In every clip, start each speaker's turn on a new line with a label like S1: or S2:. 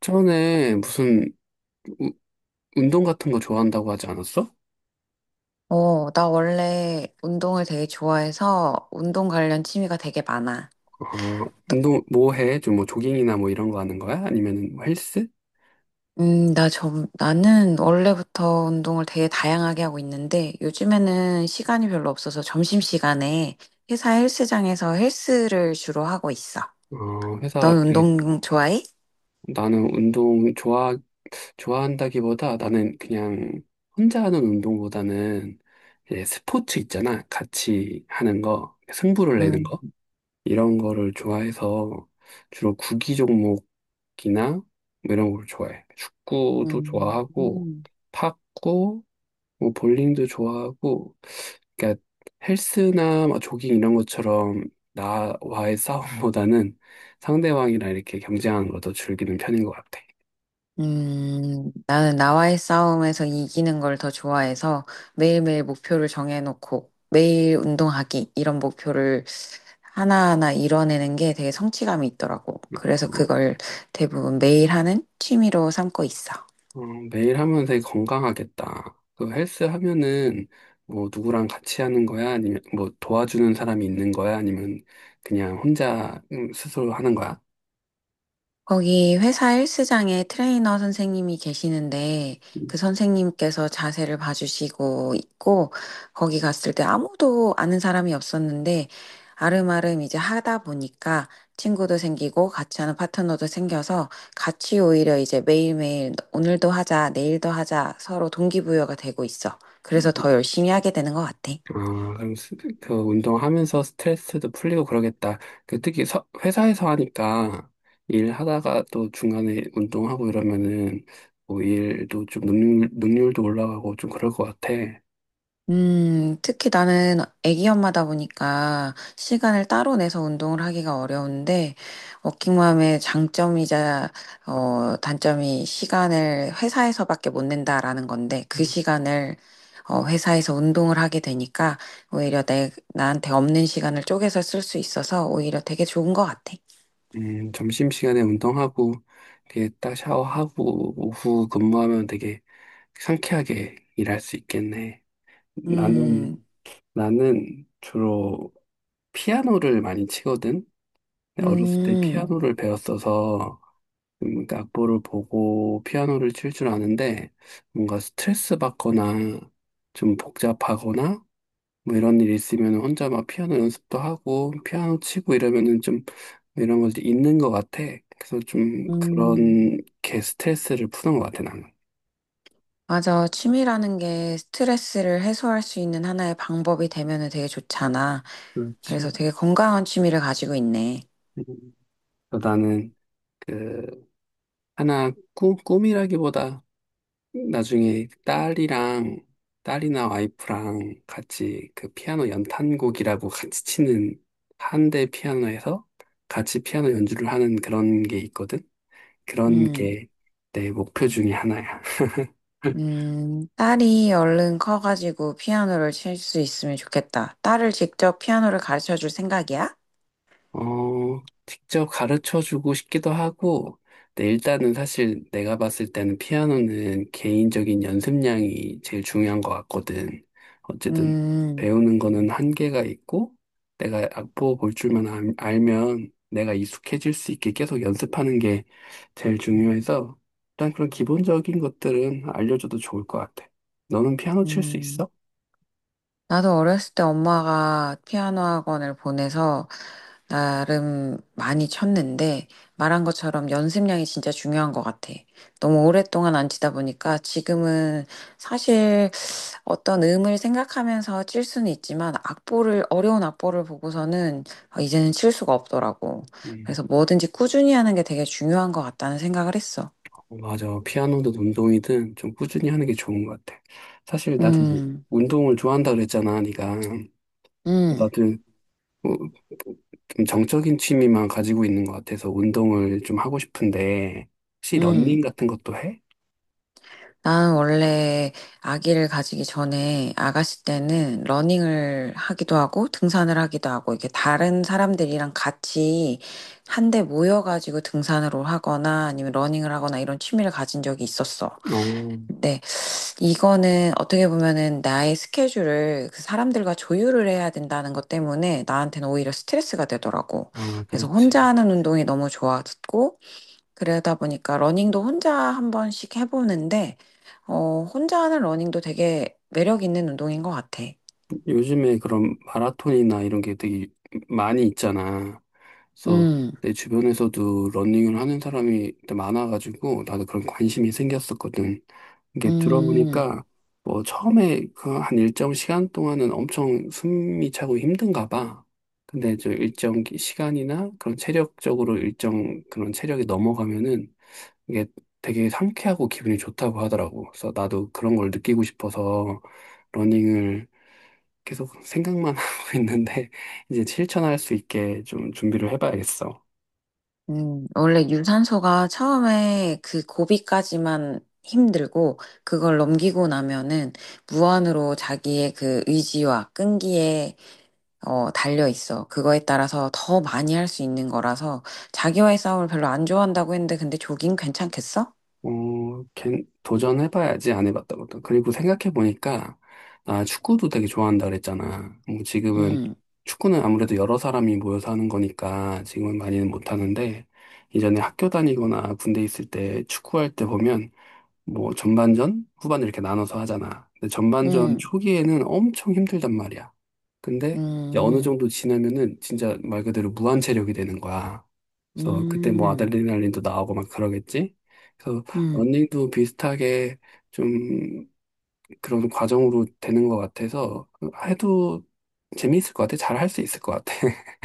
S1: 전에 무슨 우- 운동 같은 거 좋아한다고 하지 않았어?
S2: 나 원래 운동을 되게 좋아해서 운동 관련 취미가 되게 많아.
S1: 어,
S2: 너-
S1: 운동 뭐 해? 좀 뭐 조깅이나 뭐 이런 거 하는 거야? 아니면 뭐 헬스?
S2: 나는 원래부터 운동을 되게 다양하게 하고 있는데 요즘에는 시간이 별로 없어서 점심시간에 회사 헬스장에서 헬스를 주로 하고 있어.
S1: 어, 회사
S2: 넌
S1: 되게-
S2: 운동 좋아해?
S1: 나는 운동 좋아한다기보다 나는 그냥 혼자 하는 운동보다는 이제 스포츠 있잖아. 같이 하는 거, 승부를 내는 거,
S2: 음,
S1: 이런 거를 좋아해서 주로 구기 종목이나 뭐 이런 걸 좋아해. 축구도 좋아하고,
S2: 음.
S1: 탁구, 뭐 볼링도 좋아하고. 그러니까 헬스나 뭐 조깅 이런 것처럼 나와의 싸움보다는 상대방이랑 이렇게 경쟁하는 걸 더 즐기는 편인 것 같아.
S2: 나는 나와의 싸움에서 이기는 걸 더 좋아해서 매일매일 목표를 정해놓고 매일 운동하기 이런 목표를 하나하나 이뤄내는 게 되게 성취감이 있더라고. 그래서
S1: 어,
S2: 그걸 대부분 매일 하는 취미로 삼고 있어.
S1: 어, 매일 하면 되게 건강하겠다. 그 헬스 하면은 뭐 누구랑 같이 하는 거야? 아니면 뭐 도와주는 사람이 있는 거야? 아니면 그냥 혼자, 스스로 하는 거야?
S2: 거기 회사 헬스장에 트레이너 선생님이 계시는데 그 선생님께서 자세를 봐주시고 있고 거기 갔을 때 아무도 아는 사람이 없었는데 아름아름 이제 하다 보니까 친구도 생기고 같이 하는 파트너도 생겨서 같이 오히려 이제 매일매일 오늘도 하자, 내일도 하자 서로 동기부여가 되고 있어. 그래서 더 열심히 하게 되는 것 같아.
S1: 아, 그럼 그 운동하면서 스트레스도 풀리고 그러겠다. 그 특히 회사에서 하니까 일하다가 또 중간에 운동하고 이러면은 뭐 일도 좀, 능률도 올라가고 좀 그럴 것 같아.
S2: 특히 나는 아기 엄마다 보니까 시간을 따로 내서 운동을 하기가 어려운데, 워킹맘의 장점이자, 단점이 시간을 회사에서밖에 못 낸다라는 건데, 그
S1: 음,
S2: 시간을, 회사에서 운동을 하게 되니까, 오히려 나한테 없는 시간을 쪼개서 쓸 수 있어서 오히려 되게 좋은 것 같아.
S1: 점심시간에 운동하고 이렇게 딱 샤워하고 오후 근무하면 되게 상쾌하게 일할 수 있겠네. 나는,
S2: 음,
S1: 나는 주로 피아노를 많이 치거든. 어렸을 때
S2: 음,
S1: 피아노를 배웠어서, 그 악보를 보고 피아노를 칠 줄 아는데, 뭔가 스트레스 받거나 좀 복잡하거나 뭐 이런 일이 있으면 혼자 막 피아노 연습도 하고 피아노 치고 이러면은 좀 이런 것도 있는 것 같아. 그래서 좀
S2: 음.
S1: 그런 게 스트레스를 푸는 것 같아, 나는.
S2: 맞아. 취미라는 게 스트레스를 해소할 수 있는 하나의 방법이 되면은 되게 좋잖아. 그래서
S1: 그렇지.
S2: 되게 건강한 취미를 가지고 있네.
S1: 음. 나는 그 하나 꿈이라기보다 나중에 딸이랑, 딸이나 와이프랑 같이 그 피아노 연탄곡이라고 같이 치는, 한대 피아노에서 같이 피아노 연주를 하는 그런 게 있거든. 그런
S2: 음,
S1: 게 내 목표 중에 하나야.
S2: 딸이 얼른 커가지고 피아노를 칠 수 있으면 좋겠다. 딸을 직접 피아노를 가르쳐 줄 생각이야?
S1: 어, 직접 가르쳐 주고 싶기도 하고. 근데 일단은 사실 내가 봤을 때는 피아노는 개인적인 연습량이 제일 중요한 것 같거든. 어쨌든
S2: 음,
S1: 배우는 거는 한계가 있고, 내가 악보 볼 줄만 알면 내가 익숙해질 수 있게 계속 연습하는 게 제일 중요해서, 일단 그런 기본적인 것들은 알려줘도 좋을 것 같아. 너는 피아노 칠 수
S2: 음.
S1: 있어?
S2: 나도 어렸을 때 엄마가 피아노 학원을 보내서 나름 많이 쳤는데 말한 것처럼 연습량이 진짜 중요한 것 같아. 너무 오랫동안 안 치다 보니까 지금은 사실 어떤 음을 생각하면서 칠 수는 있지만 악보를 어려운 악보를 보고서는 아, 이제는 칠 수가 없더라고.
S1: 음,
S2: 그래서 뭐든지 꾸준히 하는 게 되게 중요한 것 같다는 생각을 했어.
S1: 어, 맞아. 피아노든 운동이든 좀 꾸준히 하는 게 좋은 것 같아. 사실 나도
S2: 음,
S1: 운동을 좋아한다 그랬잖아, 네가.
S2: 음,
S1: 나도 뭐, 좀 정적인 취미만 가지고 있는 것 같아서 운동을 좀 하고 싶은데, 혹시
S2: 음.
S1: 러닝 같은 것도 해?
S2: 나는 원래 아기를 가지기 전에 아가씨 때는 러닝을 하기도 하고 등산을 하기도 하고 이게 다른 사람들이랑 같이 한데 모여가지고 등산을 하거나 아니면 러닝을 하거나 이런 취미를 가진 적이 있었어.
S1: 어,
S2: 이거는 어떻게 보면은 나의 스케줄을 그 사람들과 조율을 해야 된다는 것 때문에 나한테는 오히려 스트레스가 되더라고.
S1: 아,
S2: 그래서
S1: 그렇지.
S2: 혼자 하는 운동이 너무 좋아졌고, 그러다 보니까 러닝도 혼자 한 번씩 해보는데, 혼자 하는 러닝도 되게 매력 있는 운동인 것 같아.
S1: 요즘에 그런 마라톤이나 이런 게 되게 많이 있잖아. 그래서
S2: 음,
S1: 내 주변에서도 러닝을 하는 사람이 많아가지고 나도 그런 관심이 생겼었거든. 이게
S2: 음,
S1: 들어보니까 뭐 처음에 그 한 일정 시간 동안은 엄청 숨이 차고 힘든가 봐. 근데 저 일정 시간이나 그런 체력적으로 일정 그런 체력이 넘어가면은 이게 되게 상쾌하고 기분이 좋다고 하더라고. 그래서 나도 그런 걸 느끼고 싶어서 러닝을 계속 생각만 하고 있는데 이제 실천할 수 있게 좀 준비를 해봐야겠어.
S2: 원래 유산소가 처음에 그 고비까지만 힘들고, 그걸 넘기고 나면은 무한으로 자기의 그 의지와 끈기에 달려 있어. 그거에 따라서 더 많이 할 수 있는 거라서 자기와의 싸움을 별로 안 좋아한다고 했는데 근데 조깅 괜찮겠어?
S1: 어, 도전해봐야지. 안 해봤다 고도 그리고 생각해보니까 나 축구도 되게 좋아한다 그랬잖아. 뭐 지금은
S2: 음,
S1: 축구는 아무래도 여러 사람이 모여서 하는 거니까 지금은 많이는 못하는데, 이전에 학교 다니거나 군대 있을 때 축구할 때 보면 뭐 전반전, 후반전 이렇게 나눠서 하잖아. 근데 전반전
S2: 음,
S1: 초기에는 엄청 힘들단 말이야. 근데 이제 어느
S2: 음,
S1: 정도 지나면은 진짜 말 그대로 무한 체력이 되는 거야.
S2: 음,
S1: 그래서 그때 뭐
S2: 음,
S1: 아드레날린도 나오고 막 그러겠지. 그래서
S2: 음.
S1: 런닝도 비슷하게 좀 그런 과정으로 되는 것 같아서 해도 재미있을 것 같아. 잘 할 수 있을 것 같아.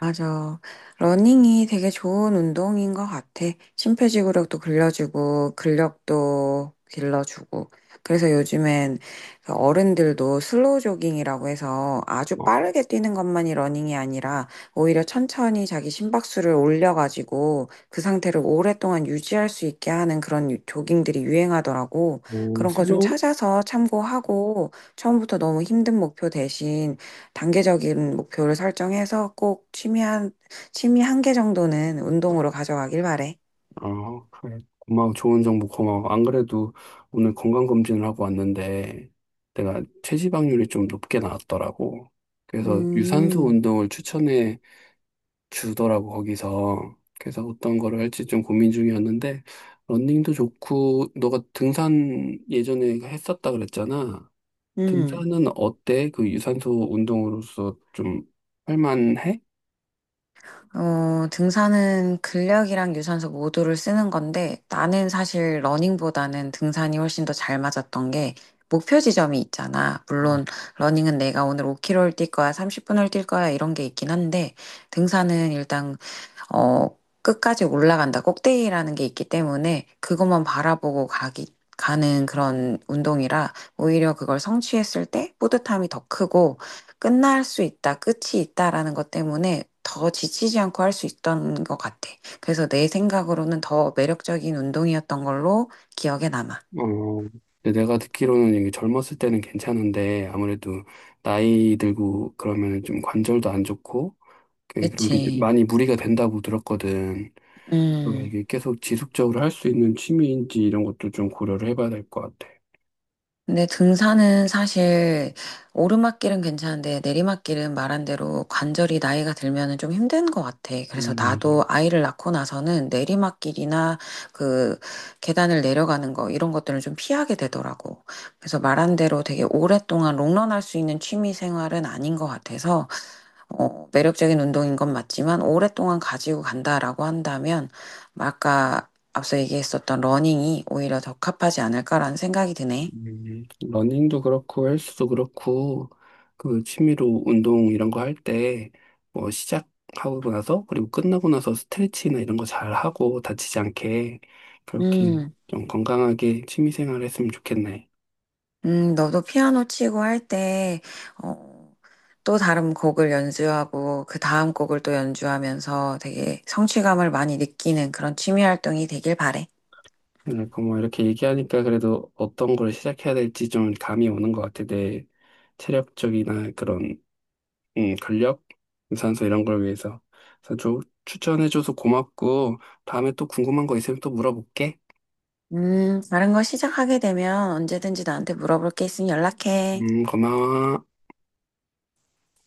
S2: 맞아. 러닝이 되게 좋은 운동인 것 같아. 심폐지구력도 길러주고, 근력도 길러주고. 그래서 요즘엔 그 어른들도 슬로우 조깅이라고 해서 아주
S1: 어,
S2: 빠르게 뛰는 것만이 러닝이 아니라 오히려 천천히 자기 심박수를 올려가지고 그 상태를 오랫동안 유지할 수 있게 하는 그런 조깅들이 유행하더라고.
S1: 뭐
S2: 그런 거 좀
S1: 슬로우
S2: 찾아서 참고하고 처음부터 너무 힘든 목표 대신 단계적인 목표를 설정해서 취미 한 개 정도는 운동으로 가져가길 바래.
S1: 어, 그래. 고마워. 좋은 정보 고마워. 안 그래도 오늘 건강검진을 하고 왔는데 내가 체지방률이 좀 높게 나왔더라고. 그래서 유산소
S2: 음,
S1: 운동을 추천해 주더라고, 거기서. 그래서 어떤 거를 할지 좀 고민 중이었는데, 러닝도 좋고, 너가 등산 예전에 했었다 그랬잖아.
S2: 음.
S1: 등산은 어때? 그 유산소 운동으로서 좀 할만해?
S2: 어, 등산은 근력이랑 유산소 모두를 쓰는 건데 나는 사실 러닝보다는 등산이 훨씬 더 잘 맞았던 게 목표 지점이 있잖아. 물론 러닝은 내가 오늘 5km를 뛸 거야, 30분을 뛸 거야 이런 게 있긴 한데 등산은 일단 어, 끝까지 올라간다. 꼭대기라는 게 있기 때문에 그것만 바라보고 가는 그런 운동이라 오히려 그걸 성취했을 때 뿌듯함이 더 크고 끝이 있다라는 것 때문에 더 지치지 않고 할 수 있던 것 같아. 그래서 내 생각으로는 더 매력적인 운동이었던 걸로 기억에 남아.
S1: 어, 근데 내가 듣기로는 이게 젊었을 때는 괜찮은데 아무래도 나이 들고 그러면 좀 관절도 안 좋고 그런 게
S2: 그치.
S1: 많이 무리가 된다고 들었거든. 그래서
S2: 음.
S1: 이게 계속 지속적으로 할 수 있는 취미인지 이런 것도 좀 고려를 해봐야 될 것 같아.
S2: 근데 등산은 사실 오르막길은 괜찮은데 내리막길은 말한 대로 관절이 나이가 들면은 좀 힘든 것 같아. 그래서
S1: 맞아.
S2: 나도 아이를 낳고 나서는 내리막길이나 그 계단을 내려가는 거 이런 것들을 좀 피하게 되더라고. 그래서 말한 대로 되게 오랫동안 롱런할 수 있는 취미 생활은 아닌 것 같아서 매력적인 운동인 건 맞지만 오랫동안 가지고 간다라고 한다면 아까 앞서 얘기했었던 러닝이 오히려 적합하지 않을까라는 생각이 드네.
S1: 러닝도 그렇고 헬스도 그렇고 그 취미로 운동 이런 거 할 때 뭐 시작하고 나서 그리고 끝나고 나서 스트레칭이나 이런 거 잘 하고, 다치지 않게 그렇게
S2: 음.
S1: 좀 건강하게 취미 생활 했으면 좋겠네.
S2: 너도 피아노 치고 할 때, 어, 또 다른 곡을 연주하고, 그 다음 곡을 또 연주하면서 되게 성취감을 많이 느끼는 그런 취미 활동이 되길 바래.
S1: 그러니까 뭐 이렇게 얘기하니까 그래도 어떤 걸 시작해야 될지 좀 감이 오는 것 같아. 내 체력적이나 그런, 근력, 유산소 이런 걸 위해서. 그래서 좀 추천해줘서 고맙고 다음에 또 궁금한 거 있으면 또 물어볼게.
S2: 다른 거 시작하게 되면 언제든지 나한테 물어볼 게 있으면 연락해.
S1: 고마워.